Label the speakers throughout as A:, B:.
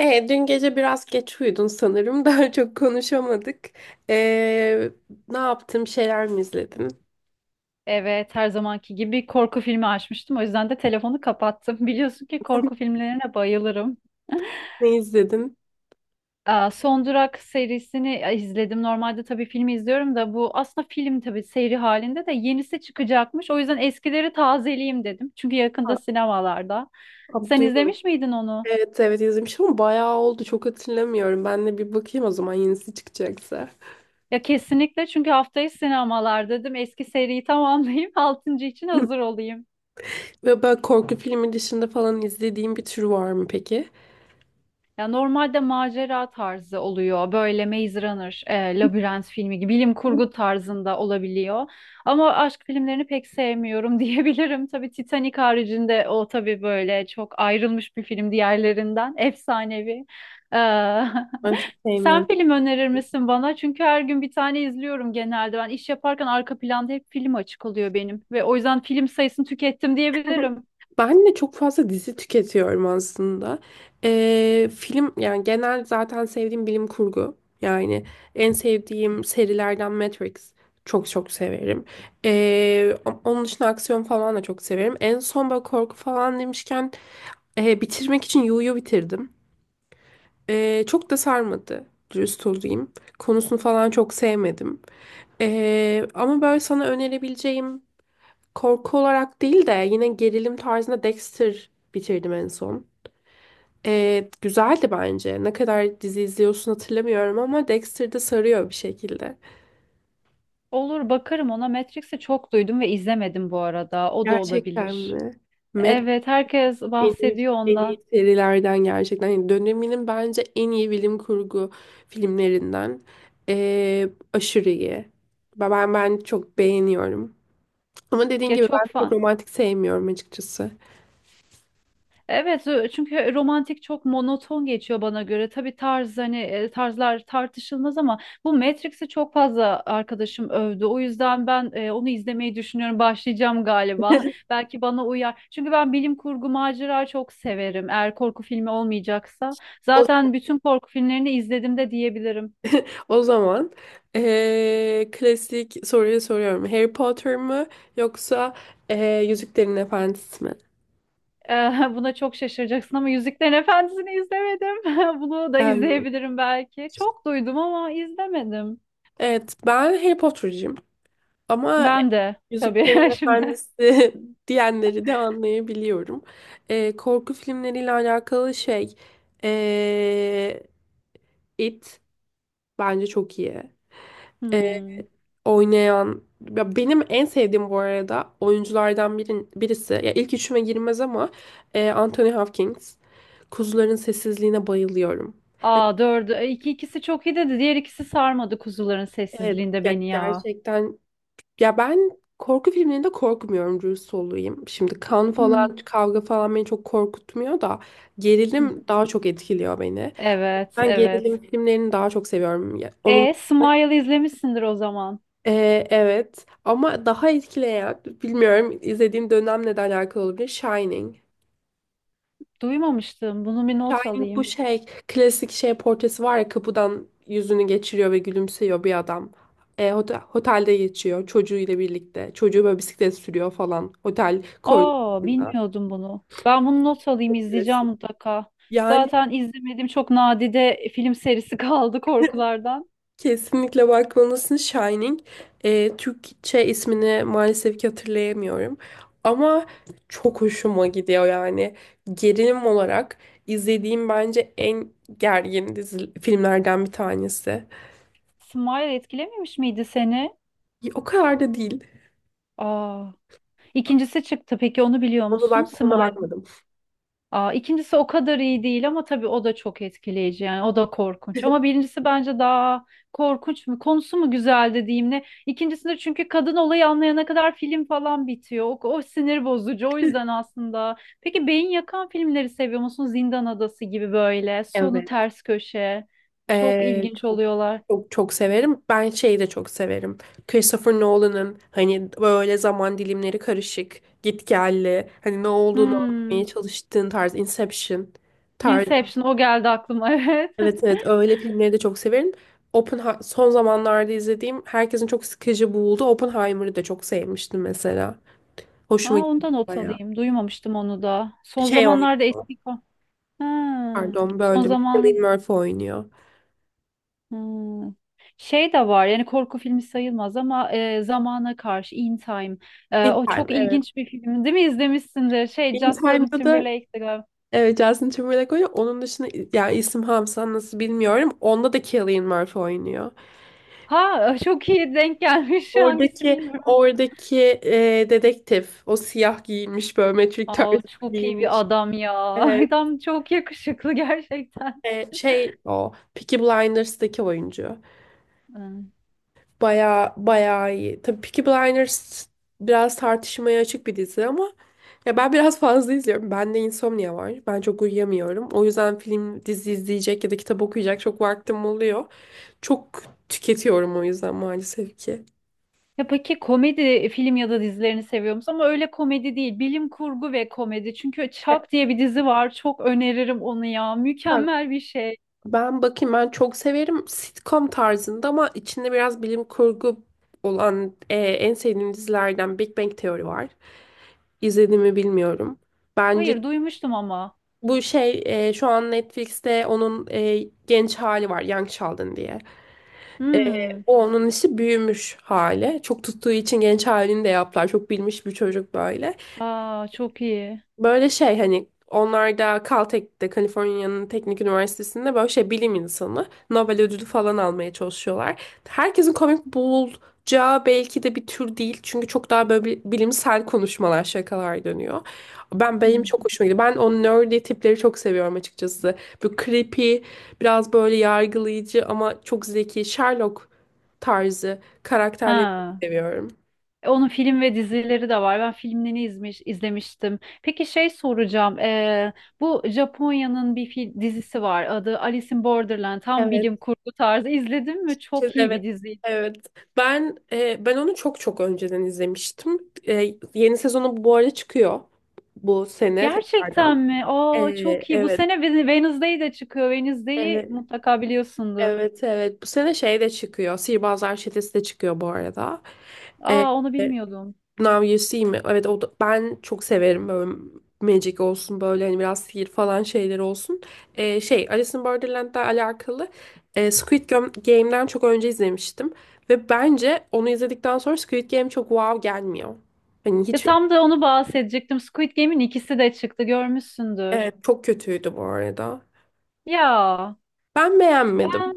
A: Dün gece biraz geç uyudun sanırım. Daha çok konuşamadık. E, Ne yaptın? Bir şeyler mi izledin?
B: Evet, her zamanki gibi korku filmi açmıştım. O yüzden de telefonu kapattım. Biliyorsun ki korku filmlerine bayılırım.
A: Ne izledin?
B: Aa, Son Durak serisini izledim. Normalde tabii filmi izliyorum da bu aslında film tabii seri halinde de yenisi çıkacakmış. O yüzden eskileri tazeleyeyim dedim. Çünkü
A: Ha,
B: yakında sinemalarda.
A: ha,
B: Sen
A: Duymadım.
B: izlemiş miydin onu?
A: Evet, izlemişim ama bayağı oldu. Çok hatırlamıyorum. Ben de bir bakayım o zaman yenisi çıkacaksa.
B: Ya kesinlikle çünkü haftayı sinemalar dedim. Eski seriyi tamamlayayım. Altıncı için hazır olayım.
A: Ve böyle korku filmi dışında falan izlediğin bir tür var mı peki?
B: Ya normalde macera tarzı oluyor. Böyle Maze Runner, Labirent filmi gibi bilim kurgu tarzında olabiliyor. Ama aşk filmlerini pek sevmiyorum diyebilirim. Tabii Titanic haricinde o tabii böyle çok ayrılmış bir film diğerlerinden. Efsanevi. Ee,
A: Ben çok
B: sen
A: sevmiyorum.
B: film önerir misin bana? Çünkü her gün bir tane izliyorum genelde. Ben iş yaparken arka planda hep film açık oluyor benim. Ve o yüzden film sayısını tükettim diyebilirim.
A: Ben de çok fazla dizi tüketiyorum aslında. Film yani genel zaten sevdiğim bilim kurgu. Yani en sevdiğim serilerden Matrix. Çok çok severim. Onun dışında aksiyon falan da çok severim. En son böyle korku falan demişken bitirmek için Yu'yu bitirdim. Çok da sarmadı. Dürüst olayım. Konusunu falan çok sevmedim. Ama böyle sana önerebileceğim, korku olarak değil de yine gerilim tarzında, Dexter bitirdim en son. Güzeldi bence. Ne kadar dizi izliyorsun hatırlamıyorum ama Dexter de sarıyor bir şekilde.
B: Olur bakarım ona. Matrix'i çok duydum ve izlemedim bu arada. O da
A: Gerçekten
B: olabilir.
A: mi? Mad
B: Evet, herkes
A: En iyi,
B: bahsediyor
A: en
B: ondan.
A: iyi serilerden gerçekten. Yani döneminin bence en iyi bilim kurgu filmlerinden. Aşırı iyi. Ben çok beğeniyorum. Ama dediğin
B: Ya
A: gibi ben
B: çok
A: çok
B: fan.
A: romantik sevmiyorum açıkçası.
B: Evet, çünkü romantik çok monoton geçiyor bana göre. Tabii tarz hani tarzlar tartışılmaz ama bu Matrix'i çok fazla arkadaşım övdü. O yüzden ben onu izlemeyi düşünüyorum. Başlayacağım galiba. Belki bana uyar. Çünkü ben bilim kurgu macera çok severim. Eğer korku filmi olmayacaksa.
A: O
B: Zaten bütün korku filmlerini izledim de diyebilirim.
A: o zaman klasik soruyu soruyorum. Harry Potter mı yoksa Yüzüklerin Efendisi mi?
B: Buna çok şaşıracaksın ama Yüzüklerin Efendisi'ni izlemedim. Bunu da
A: Ben mi?
B: izleyebilirim belki. Çok duydum ama izlemedim.
A: Evet, ben Harry Potter'cıyım. Ama
B: Ben de
A: Yüzüklerin
B: tabii şimdi.
A: Efendisi diyenleri de anlayabiliyorum. Korku filmleriyle alakalı şey, eee, It bence çok iyi.
B: Hmm.
A: Oynayan, ya benim en sevdiğim bu arada oyunculardan birisi, ya ilk üçüme girmez ama Anthony Hopkins. Kuzuların sessizliğine bayılıyorum.
B: Aa, dördü. E, İki ikisi çok iyi dedi. Diğer ikisi sarmadı kuzuların
A: Evet
B: sessizliğinde
A: ya
B: beni ya.
A: gerçekten, ya ben korku filmlerinde korkmuyorum dürüst olayım. Şimdi kan falan
B: Hmm.
A: kavga falan beni çok korkutmuyor da gerilim daha çok etkiliyor beni.
B: Evet,
A: Ben gerilim
B: evet.
A: filmlerini daha çok seviyorum. Ya onun
B: E, Smile izlemişsindir o zaman.
A: Evet ama daha etkileyen, bilmiyorum izlediğim dönemle de alakalı olabilir, Shining.
B: Duymamıştım. Bunu bir not
A: Shining bu
B: alayım.
A: şey klasik şey portresi var ya, kapıdan yüzünü geçiriyor ve gülümseyiyor bir adam. Otelde geçiyor çocuğuyla birlikte. Çocuğu böyle bisiklet sürüyor falan. Otel
B: Aa,
A: koridorunda.
B: bilmiyordum bunu. Ben bunu not alayım, izleyeceğim
A: Klasik.
B: mutlaka.
A: Yani
B: Zaten izlemediğim çok nadide film serisi kaldı korkulardan.
A: kesinlikle bakmalısın Shining. Türkçe ismini maalesef ki hatırlayamıyorum. Ama çok hoşuma gidiyor yani. Gerilim olarak izlediğim bence en gergin dizi, filmlerden bir tanesi.
B: Smile etkilememiş miydi seni?
A: O kadar da değil.
B: Aa, ikincisi çıktı. Peki onu biliyor
A: Onu
B: musun?
A: bak, ona
B: Smile.
A: bakmadım.
B: Aa, ikincisi o kadar iyi değil ama tabii o da çok etkileyici, yani o da korkunç. Ama birincisi bence daha korkunç mu, konusu mu güzel dediğim ne. İkincisinde çünkü kadın olayı anlayana kadar film falan bitiyor. O sinir bozucu o yüzden aslında. Peki beyin yakan filmleri seviyor musun? Zindan Adası gibi böyle sonu
A: Evet.
B: ters köşe çok
A: Ee,
B: ilginç
A: çok
B: oluyorlar.
A: Çok çok severim. Ben şeyi de çok severim. Christopher Nolan'ın hani böyle zaman dilimleri karışık, gitgelli, hani ne olduğunu anlamaya
B: Hmm.
A: çalıştığın tarz, Inception tarzı.
B: Inception o geldi aklıma evet.
A: Evet evet öyle filmleri de çok severim. Son zamanlarda izlediğim herkesin çok sıkıcı bulduğu Oppenheimer'ı da çok sevmiştim mesela.
B: Aa,
A: Hoşuma
B: ondan
A: gitti
B: not
A: bayağı.
B: alayım, duymamıştım onu da. Son
A: Şey
B: zamanlarda
A: oynuyor.
B: eski... ko- Ha.
A: Pardon
B: Son
A: böldüm. Cillian
B: zaman.
A: Murphy oynuyor.
B: Hmm. Şey de var, yani korku filmi sayılmaz ama zamana karşı In Time. E,
A: In
B: o
A: Time
B: çok
A: evet.
B: ilginç bir film, değil mi? İzlemişsindir şey
A: In
B: Justin
A: Time'da da,
B: Timberlake'ti galiba.
A: evet, Justin Timberlake oynuyor. Onun dışında yani isim Hamsa nasıl bilmiyorum. Onda da Cillian Murphy oynuyor.
B: Ha, çok iyi denk gelmiş, hangisi
A: Oradaki
B: bilmiyorum.
A: oradaki dedektif o, siyah giyinmiş böyle Matrix
B: Aa,
A: tarzı
B: çok iyi bir
A: giyinmiş.
B: adam ya,
A: Evet,
B: adam çok yakışıklı gerçekten.
A: şey, o Peaky Blinders'daki oyuncu.
B: Hmm.
A: Baya baya iyi. Tabii Peaky Blinders biraz tartışmaya açık bir dizi ama ya ben biraz fazla izliyorum. Bende insomnia var. Ben çok uyuyamıyorum. O yüzden film dizi izleyecek ya da kitap okuyacak çok vaktim oluyor. Çok tüketiyorum o yüzden maalesef ki.
B: Ya peki komedi film ya da dizilerini seviyor musun? Ama öyle komedi değil, bilim kurgu ve komedi, çünkü Chuck diye bir dizi var, çok öneririm onu ya,
A: Ya
B: mükemmel bir şey.
A: ben bakayım, ben çok severim sitcom tarzında ama içinde biraz bilim kurgu olan, en sevdiğim dizilerden Big Bang Theory var. İzlediğimi bilmiyorum. Bence
B: Hayır, duymuştum ama.
A: bu şey, şu an Netflix'te onun genç hali var, Young Sheldon diye. E,
B: Hmm.
A: O onun işi büyümüş hali. Çok tuttuğu için genç halini de yaptılar. Çok bilmiş bir çocuk böyle.
B: Aa, çok iyi.
A: Böyle şey hani, onlar da Caltech'te, Kaliforniya'nın Teknik Üniversitesi'nde, böyle şey bilim insanı, Nobel ödülü falan almaya çalışıyorlar. Herkesin komik bulacağı belki de bir tür değil. Çünkü çok daha böyle bilimsel konuşmalar, şakalar dönüyor. Benim
B: Hmm.
A: çok hoşuma gidiyor. Ben o nerdy tipleri çok seviyorum açıkçası. Bu creepy, biraz böyle yargılayıcı ama çok zeki, Sherlock tarzı karakterleri çok
B: Ha.
A: seviyorum.
B: E, onun film ve dizileri de var. Ben filmlerini izlemiştim. Peki şey soracağım. Bu Japonya'nın bir dizisi var. Adı Alice in Borderland. Tam bilim kurgu tarzı. İzledin mi? Çok iyi bir
A: Evet,
B: dizi.
A: evet. Ben ben onu çok çok önceden izlemiştim. Yeni sezonu bu arada çıkıyor bu sene tekrardan.
B: Gerçekten mi?
A: E,
B: Aa, çok iyi. Bu
A: evet,
B: sene Wednesday de çıkıyor. Wednesday'i
A: e,
B: mutlaka biliyorsundur.
A: evet, evet. Bu sene şey de çıkıyor. Sihirbazlar Çetesi de çıkıyor bu arada. E,
B: Aa, onu
A: e,
B: bilmiyordum.
A: Now You See Me. Evet o da, ben çok severim böyle, magic olsun böyle hani biraz sihir falan şeyler olsun. Şey, Alice in Borderland'la alakalı, Squid Game'den çok önce izlemiştim. Ve bence onu izledikten sonra Squid Game çok wow gelmiyor. Hani
B: Ya
A: hiç,
B: tam da onu bahsedecektim. Squid Game'in ikisi de çıktı. Görmüşsündür.
A: evet, çok kötüydü bu arada.
B: Ya.
A: Ben beğenmedim.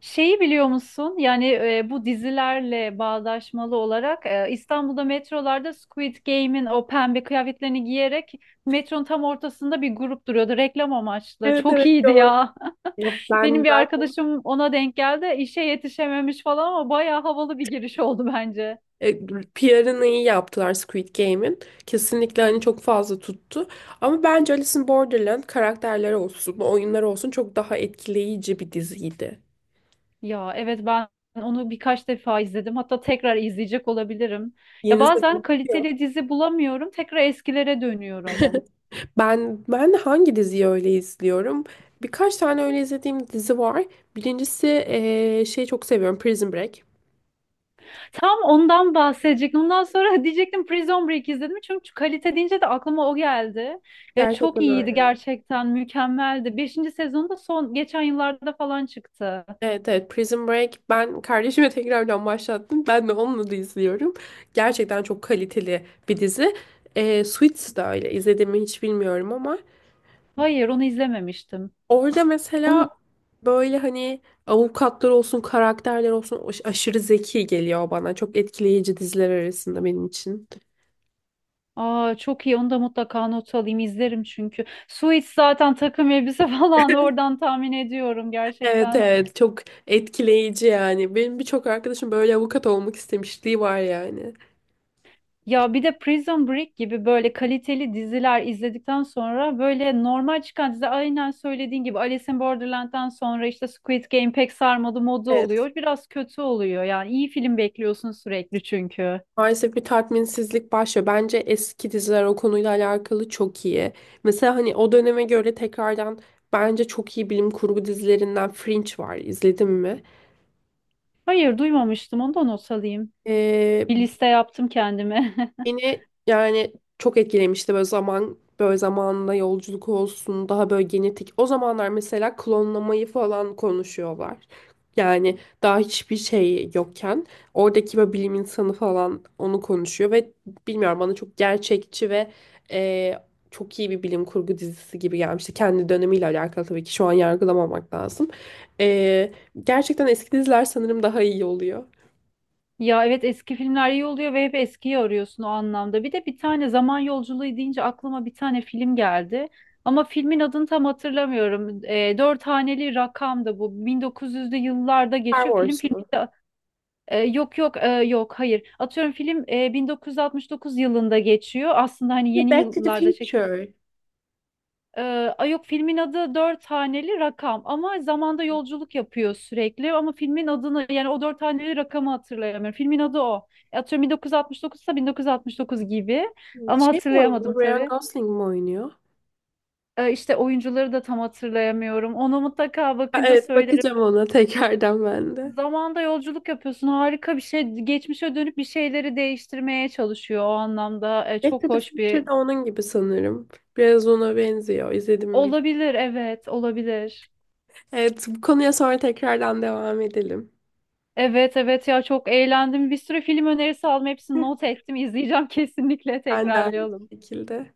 B: Şeyi biliyor musun? Yani bu dizilerle bağdaşmalı olarak İstanbul'da metrolarda Squid Game'in o pembe kıyafetlerini giyerek metronun tam ortasında bir grup duruyordu reklam amaçlı.
A: Evet
B: Çok
A: evet
B: iyiydi
A: gördüm.
B: ya.
A: Ya
B: Benim
A: ben
B: bir
A: zaten
B: arkadaşım ona denk geldi. İşe yetişememiş falan ama bayağı havalı bir giriş oldu bence.
A: E, PR'ını iyi yaptılar Squid Game'in. Kesinlikle hani çok fazla tuttu. Ama bence Alice in Borderland karakterleri olsun, oyunlar olsun çok daha etkileyici bir diziydi.
B: Ya evet, ben onu birkaç defa izledim. Hatta tekrar izleyecek olabilirim. Ya
A: Yeni sezon
B: bazen
A: çıkıyor.
B: kaliteli dizi bulamıyorum. Tekrar eskilere dönüyorum.
A: Ben hangi diziyi öyle izliyorum? Birkaç tane öyle izlediğim dizi var. Birincisi şey, çok seviyorum Prison Break.
B: Tam ondan bahsedecektim. Ondan sonra diyecektim Prison Break izledim. Çünkü kalite deyince de aklıma o geldi. Ya çok
A: Gerçekten
B: iyiydi
A: öyle.
B: gerçekten. Mükemmeldi. Beşinci sezonu da son geçen yıllarda falan çıktı.
A: Evet evet Prison Break, ben kardeşime tekrardan başlattım. Ben de onunla da izliyorum. Gerçekten çok kaliteli bir dizi. Suits da öyle izlediğimi hiç bilmiyorum ama
B: Hayır, onu izlememiştim.
A: orada
B: Onu.
A: mesela böyle hani avukatlar olsun karakterler olsun aşırı zeki geliyor bana. Çok etkileyici diziler arasında benim için.
B: Aa, çok iyi, onu da mutlaka not alayım, izlerim çünkü. Suits zaten takım elbise falan, oradan tahmin ediyorum
A: Evet
B: gerçekten.
A: evet çok etkileyici yani. Benim birçok arkadaşım böyle avukat olmak istemişliği var yani.
B: Ya bir de Prison Break gibi böyle kaliteli diziler izledikten sonra böyle normal çıkan dizi aynen söylediğin gibi Alice in Borderland'dan sonra işte Squid Game pek sarmadı modu
A: Evet,
B: oluyor. Biraz kötü oluyor yani, iyi film bekliyorsun sürekli çünkü.
A: maalesef bir tatminsizlik başlıyor. Bence eski diziler o konuyla alakalı çok iyi. Mesela hani o döneme göre tekrardan bence çok iyi bilim kurgu dizilerinden Fringe var. İzledin mi?
B: Hayır, duymamıştım, onu da not alayım.
A: Ee,
B: Bir liste yaptım kendime.
A: Beni yani çok etkilemişti, böyle zamanla yolculuk olsun, daha böyle genetik. O zamanlar mesela klonlamayı falan konuşuyorlar. Yani daha hiçbir şey yokken oradaki böyle bilim insanı falan onu konuşuyor ve bilmiyorum, bana çok gerçekçi ve e, çok iyi bir bilim kurgu dizisi gibi gelmişti. Kendi dönemiyle alakalı tabii ki, şu an yargılamamak lazım. E, Gerçekten eski diziler sanırım daha iyi oluyor.
B: Ya evet, eski filmler iyi oluyor ve hep eskiyi arıyorsun o anlamda. Bir de bir tane zaman yolculuğu deyince aklıma bir tane film geldi. Ama filmin adını tam hatırlamıyorum. E, dört haneli rakam da bu. 1900'lü yıllarda
A: Star
B: geçiyor. Film
A: Wars
B: filmi
A: mu?
B: de e, yok yok e, yok hayır. Atıyorum film 1969 yılında geçiyor. Aslında hani yeni
A: Back to the
B: yıllarda çek.
A: Future.
B: Ee, ay yok, filmin adı dört haneli rakam ama zamanda yolculuk yapıyor sürekli, ama filmin adını, yani o dört haneli rakamı hatırlayamıyorum. Filmin adı o. E, atıyorum 1969 ise 1969 gibi, ama
A: Şey mi oynuyor?
B: hatırlayamadım
A: Ryan
B: tabii.
A: Gosling mi oynuyor?
B: İşte oyuncuları da tam hatırlayamıyorum. Onu mutlaka
A: Ha,
B: bakınca
A: evet
B: söylerim.
A: bakacağım ona tekrardan ben de.
B: Zamanda yolculuk yapıyorsun, harika bir şey. Geçmişe dönüp bir şeyleri değiştirmeye çalışıyor o anlamda.
A: Back to
B: Çok
A: the
B: hoş
A: Future
B: bir
A: de onun gibi sanırım. Biraz ona benziyor. İzledim mi bilmiyorum.
B: olabilir, evet olabilir.
A: Evet bu konuya sonra tekrardan devam edelim.
B: Evet, evet ya, çok eğlendim. Bir sürü film önerisi aldım. Hepsini not ettim. İzleyeceğim kesinlikle,
A: Ben de aynı
B: tekrarlayalım.
A: şekilde.